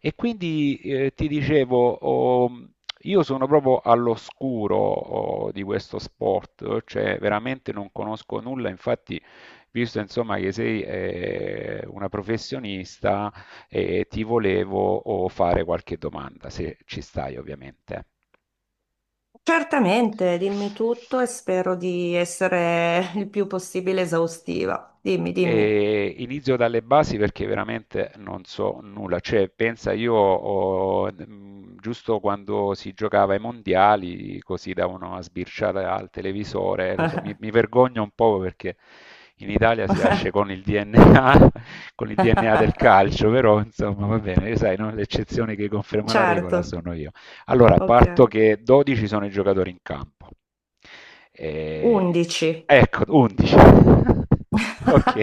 E quindi ti dicevo, oh, io sono proprio all'oscuro oh, di questo sport, cioè veramente non conosco nulla, infatti, visto insomma che sei una professionista, ti volevo oh, fare qualche domanda, se ci stai ovviamente. Certamente, dimmi tutto e spero di essere il più possibile esaustiva. Dimmi, dimmi. E inizio dalle basi perché veramente non so nulla. Cioè, pensa, giusto quando si giocava ai mondiali, così davano una sbirciata al televisore, lo so, mi vergogno un po' perché in Italia si nasce con il DNA, con il DNA del calcio, però insomma va bene, sai, no? L'eccezione che conferma la regola Certo, sono io. Allora, ok. parto che 12 sono i giocatori in campo. E- 11. Ecco, 11. Ok.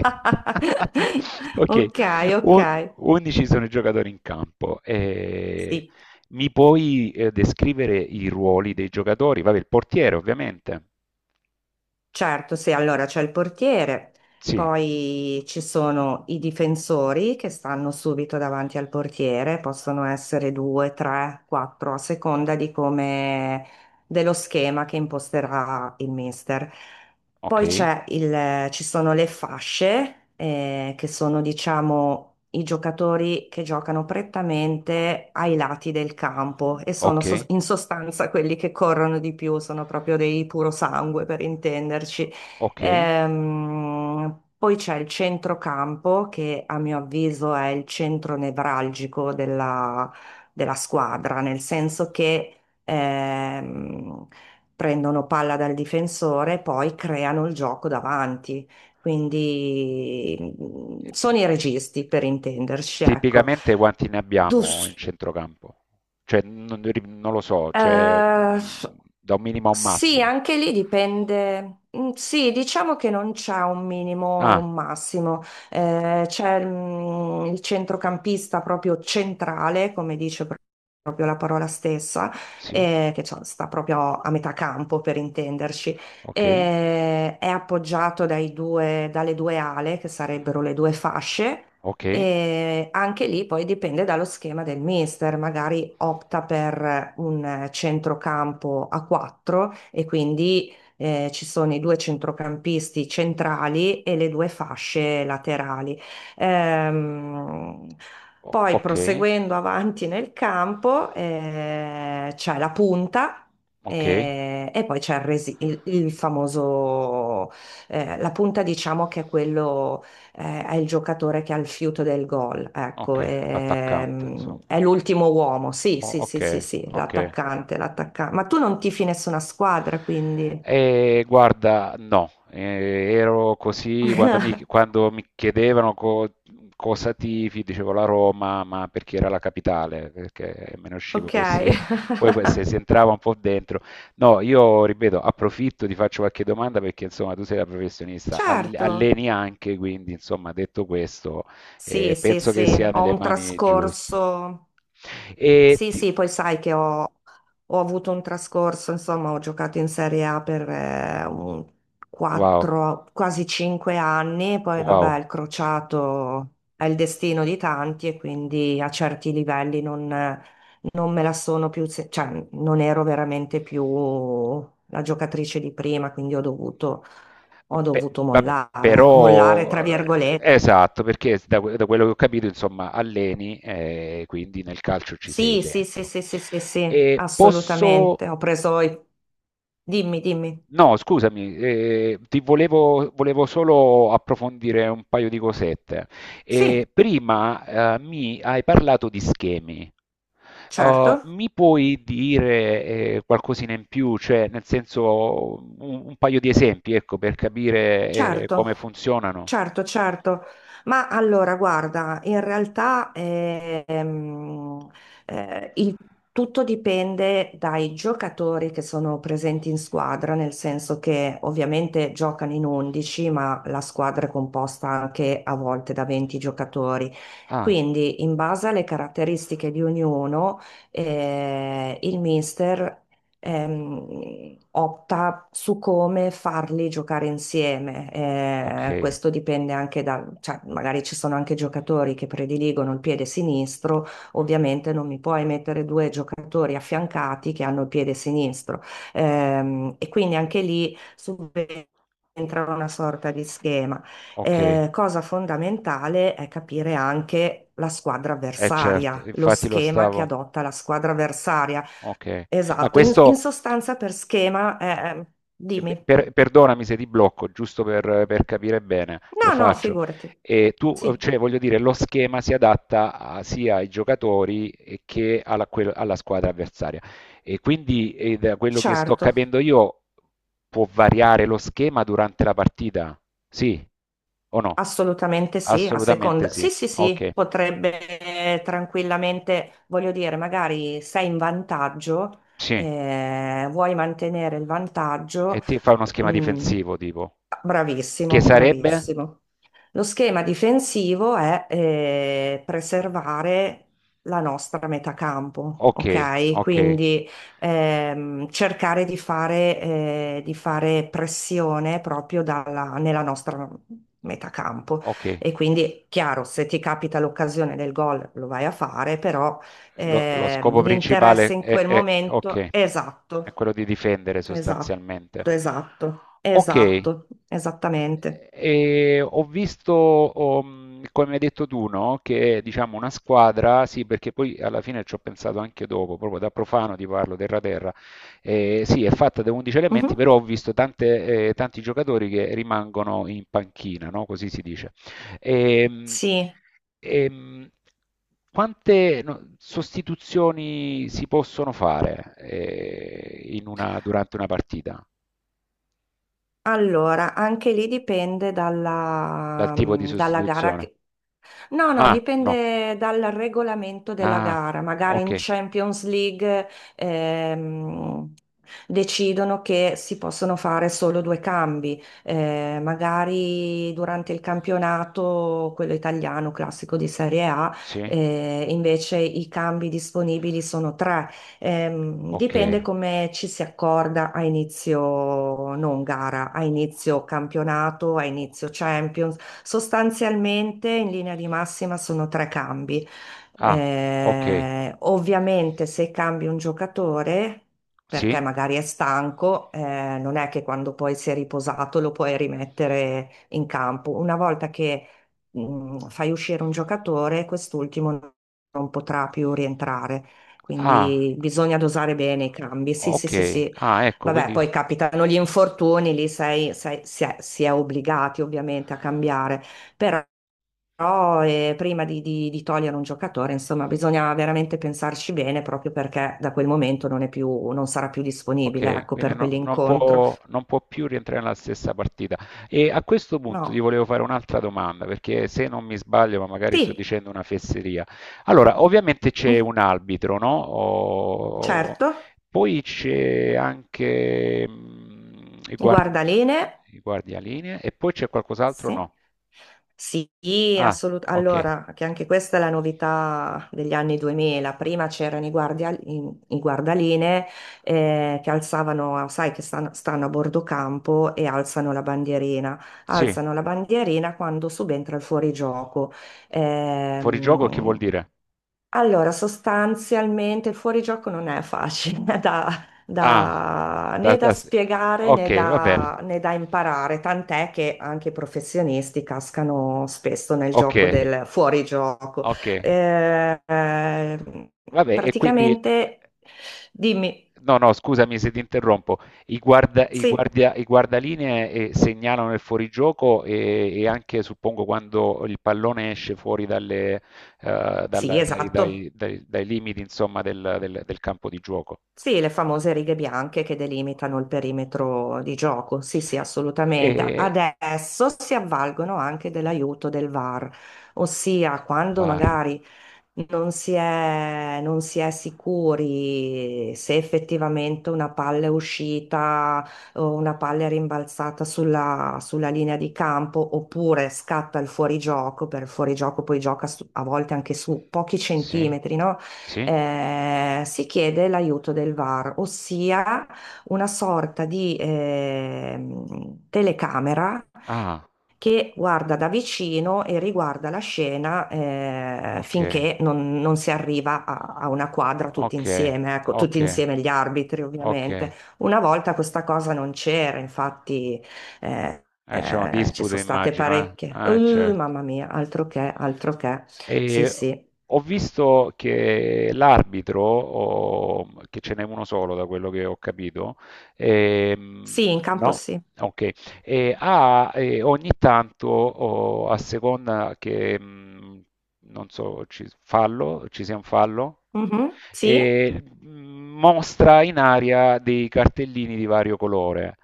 Ok. Ok, ok. Un- 11 sono i giocatori in campo. E Sì. mi puoi descrivere i ruoli dei giocatori? Vabbè, il portiere, ovviamente. Certo, sì, allora c'è il portiere, Sì, poi ci sono i difensori che stanno subito davanti al portiere, possono essere due, tre, quattro, a seconda di come dello schema che imposterà il mister. Poi ok, c'è ci sono le fasce, che sono, diciamo, i giocatori che giocano prettamente ai lati del campo e sono ok, in sostanza quelli che corrono di più, sono proprio dei puro sangue per intenderci. ok. Poi c'è il centrocampo, che a mio avviso è il centro nevralgico della squadra, nel senso che ehm, prendono palla dal difensore e poi creano il gioco davanti. Quindi E ti- sono i registi per intenderci, ecco. Tipicamente quanti ne abbiamo in Dus- centrocampo? Cioè, non lo so, cioè, eh, da un minimo a un Sì, massimo. anche lì dipende. Sì, diciamo che non c'è un minimo e Ah, un massimo. C'è il centrocampista proprio centrale, come dice proprio la parola stessa, sì, che cioè, sta proprio a metà campo per intenderci. ok, È appoggiato dalle due ale, che sarebbero le due fasce. ok, E anche lì poi dipende dallo schema del mister, magari opta per un centrocampo a 4 e quindi ci sono i due centrocampisti centrali e le due fasce laterali. Ehm, Poi ok, proseguendo avanti nel campo c'è la punta. ok, E, poi c'è il famoso, la punta diciamo che è quello è il giocatore che ha il fiuto del gol, ecco, ok, l'attaccante, insomma. è, l'ultimo uomo, sì, sì, Ok, sì, sì, sì, ok. l'attaccante, l'attaccante. Ma tu non tifi nessuna squadra, quindi. E guarda, no, ero così quando quando mi chiedevano cosa tifi, dicevo la Roma, ma perché era la capitale, perché me ne uscivo Ok, così. Poi se si entrava un po' dentro. No, io ripeto, approfitto, ti faccio qualche domanda perché insomma tu sei la professionista, certo, alleni anche, quindi insomma detto questo, sì, sì, penso che sì, sia ho nelle un mani giuste. trascorso. E Sì, ti- sì, poi sai che ho avuto un trascorso, insomma, ho giocato in Serie A per un Wow, 4, quasi 5 anni, poi vabbè, wow. il crociato è il destino di tanti e quindi a certi livelli non me la sono più, cioè non ero veramente più la giocatrice di prima, quindi ho dovuto, ho Pe- dovuto vabbè, mollare, ecco, mollare tra però virgolette. esatto, perché da quello che ho capito, insomma, alleni, quindi nel calcio ci sei Sì, sì, sì, dentro. sì, sì, sì, sì, E posso... assolutamente. Ho preso i. Dimmi, dimmi. No, scusami, volevo solo approfondire un paio di cosette. Eh, Sì, prima, mi hai parlato di schemi. Uh, certo, mi puoi dire qualcosina in più, cioè nel senso un paio di esempi, ecco, per capire certo. come funzionano? Certo, certo, ma allora guarda, in realtà eh, il- tutto dipende dai giocatori che sono presenti in squadra, nel senso che ovviamente giocano in 11, ma la squadra è composta anche a volte da 20 giocatori. Ah, Quindi, in base alle caratteristiche di ognuno, il mister opta su come farli giocare insieme. Okay. Questo dipende anche da, cioè, magari ci sono anche giocatori che prediligono il piede sinistro, A ovviamente non mi puoi mettere due giocatori affiancati che hanno il piede sinistro. E quindi anche lì subentra una sorta di schema. Okay. Cosa fondamentale è capire anche la squadra Eh certo, avversaria, lo infatti lo schema che stavo. adotta la squadra avversaria. Okay. Ma Esatto, in questo sostanza per schema, Eh, pe- dimmi. per- perdonami se ti blocco, giusto per capire bene, lo No, no, faccio. figurati. E tu, Sì, cioè, voglio dire, lo schema si adatta sia ai giocatori che alla squadra avversaria. E quindi, da quello che sto certo, capendo io, può variare lo schema durante la partita? Sì o no? assolutamente sì, a Assolutamente seconda. sì. Sì, sì, sì, Ok, potrebbe tranquillamente, voglio dire, magari sei in vantaggio, sì. Vuoi mantenere il E vantaggio. ti fa uno schema mm, difensivo, tipo. Che Bravissimo, sarebbe? bravissimo. Lo schema difensivo è preservare la nostra metà campo, Okay, ok? okay, Quindi cercare di fare pressione proprio nella nostra metà campo. okay. E quindi, chiaro, se ti capita l'occasione del gol lo vai a fare, però Lo scopo l'interesse principale in è quel è momento, okay, è esatto, quello di difendere esatto, sostanzialmente. esatto, Okay. esatto, esattamente. E ho visto, come hai detto tu, no? Che diciamo una squadra, sì, perché poi alla fine ci ho pensato anche dopo, proprio da profano ti parlo, terra-terra, sì, è fatta da 11 elementi, Mhm. però ho visto tante, tanti giocatori che rimangono in panchina, no? Così si dice. Ehm, Sì. ehm, quante no, sostituzioni si possono fare, durante una partita, Allora, anche lì dipende dal dalla, tipo di mm, dalla gara. sostituzione? No, no, Ah, no. dipende dal regolamento della Ah, gara. Magari in okay. Champions League ehm, decidono che si possono fare solo due cambi. Magari durante il campionato, quello italiano classico di Serie A, Sì, invece i cambi disponibili sono tre. Okay. Dipende come ci si accorda a inizio non gara, a inizio campionato, a inizio Oc Champions. Sostanzialmente, in linea di massima, sono tre cambi. Ah, okay. Ovviamente, se cambi un giocatore, perché Sì? magari è stanco, non è che quando poi si è riposato lo puoi rimettere in campo. Una volta che fai uscire un giocatore, quest'ultimo non potrà più rientrare. Ah, Quindi bisogna dosare bene i cambi. Sì, sì, sì, okay. sì. Ah, ecco, Vabbè, quindi. poi capitano gli infortuni, lì si è obbligati ovviamente a cambiare, però prima di togliere un giocatore, insomma, bisogna veramente pensarci bene proprio perché da quel momento non è più, non sarà più disponibile, Ok, ecco, quindi per non quell'incontro. può, non può più rientrare nella stessa partita. E a questo punto ti No, volevo fare un'altra domanda, perché se non mi sbaglio, ma magari sto sì, dicendo una fesseria. Allora, ovviamente c'è mm, un arbitro, no? Certo, Poi c'è anche i guardi- guardalinee. i guardialinee e poi c'è qualcos'altro? Sì. No. Sì, Ah, assolutamente. ok. Allora, che anche questa è la novità degli anni 2000. Prima c'erano i guardalinee che alzavano, sai, che stanno, a bordo campo e alzano la bandierina. Sì, Alzano la bandierina quando subentra il fuorigioco. fuorigioco che vuol Ehm, dire? allora, sostanzialmente il fuorigioco non è facile Ah, da- né da da- spiegare ok, né va bene. da, né da imparare, tant'è che anche i professionisti cascano spesso nel Ok, gioco del fuorigioco. ok. Eh, eh, Vabbè, e quindi praticamente, dimmi, no, no, scusami se ti interrompo. I, guarda- i sì, guardia- i guardalinee segnalano il fuorigioco e anche suppongo quando il pallone esce fuori dalle, sì, dalla- dai, esatto. dai- dai- dai limiti, insomma, del campo di gioco. Sì, le famose righe bianche che delimitano il perimetro di gioco. Sì, sì, assolutamente. E Adesso si avvalgono anche dell'aiuto del VAR, ossia quando VAR. magari non si è sicuri se effettivamente una palla è uscita o una palla è rimbalzata sulla linea di campo oppure scatta il fuorigioco, per il fuorigioco poi gioca a volte anche su pochi Sì? centimetri, no? Sì? Si chiede l'aiuto del VAR, ossia una sorta di telecamera Ah, che guarda da vicino e riguarda la scena ok, finché non si arriva a una quadra tutti ok, insieme, ecco, ok, tutti insieme gli arbitri ok. ovviamente. Una volta questa cosa non c'era, infatti C'è una ci disputa sono state immagino, parecchie. eh? Certo. Mamma mia, altro che, altro che. Sì, E sì. ho visto che l'arbitro, che ce n'è uno solo da quello che ho capito, ehm, Sì, in campo no? sì. Ok, e ha ogni tanto, o a seconda che, non so, ci, fallo, ci sia un fallo, Mhm, sì, e mostra in aria dei cartellini di vario colore.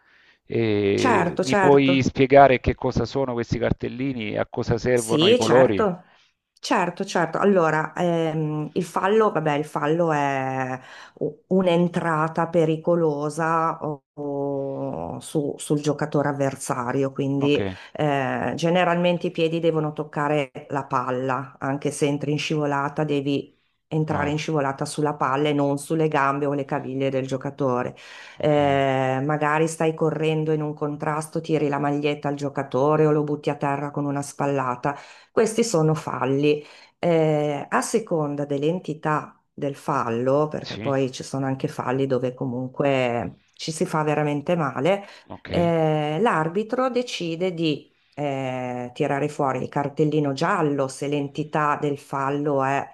E certo, mi puoi certo. spiegare che cosa sono questi cartellini, a cosa servono i Sì, colori? certo, certo, certo. Allora, il fallo, vabbè, il fallo è un'entrata pericolosa sul giocatore avversario, quindi Ok. Generalmente i piedi devono toccare la palla, anche se entri in scivolata devi entrare in Ah, scivolata sulla palla e non sulle gambe o le caviglie del giocatore okay. Magari stai correndo in un contrasto, tiri la maglietta al giocatore o lo butti a terra con una spallata. Questi sono falli. A seconda dell'entità del fallo, perché Sì, poi ci sono anche falli dove comunque ci si fa veramente male, okay, l'arbitro decide di tirare fuori il cartellino giallo se l'entità del fallo è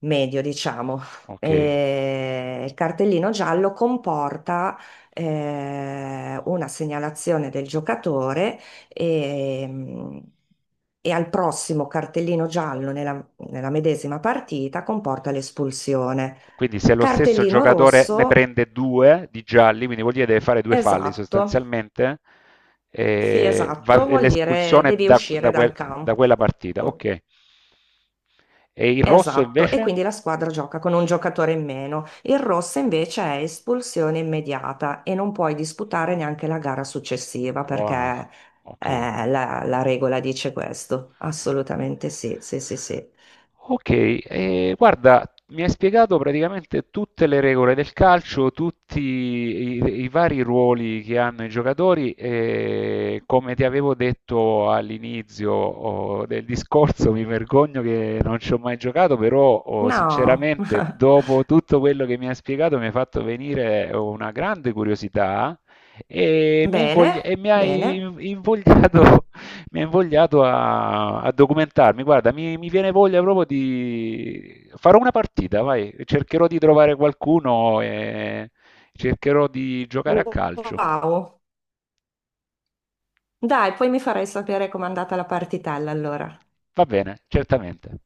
medio, diciamo. okay. E il cartellino giallo comporta una segnalazione del giocatore e, e al prossimo cartellino giallo nella medesima partita comporta l'espulsione. Quindi se lo stesso Cartellino giocatore ne rosso, prende due di gialli, quindi vuol dire deve fare due falli esatto, sostanzialmente, sì, va esatto, e vuol dire l'espulsione devi da uscire da quel dal da campo. quella partita, okay. E il rosso Esatto, e invece? quindi la squadra gioca con un giocatore in meno. Il rosso invece è espulsione immediata e non puoi disputare neanche la gara successiva perché Ah, okay. La regola dice questo. Assolutamente sì, sì, sì, sì. Ok, guarda, mi hai spiegato praticamente tutte le regole del calcio, tutti i vari ruoli che hanno i giocatori e come ti avevo detto all'inizio oh, del discorso, mi vergogno che non ci ho mai giocato, però oh, No, sinceramente dopo tutto quello che mi hai spiegato mi hai fatto venire una grande curiosità e mi hai invogli- bene, e mi hai bene. invogliato mi ha invogliato a documentarmi. Guarda, mi viene voglia proprio di. Farò una partita, vai, cercherò di trovare qualcuno e cercherò di giocare a calcio. Wow. Dai, poi mi farai sapere com'è andata la partitella allora. Va bene, certamente.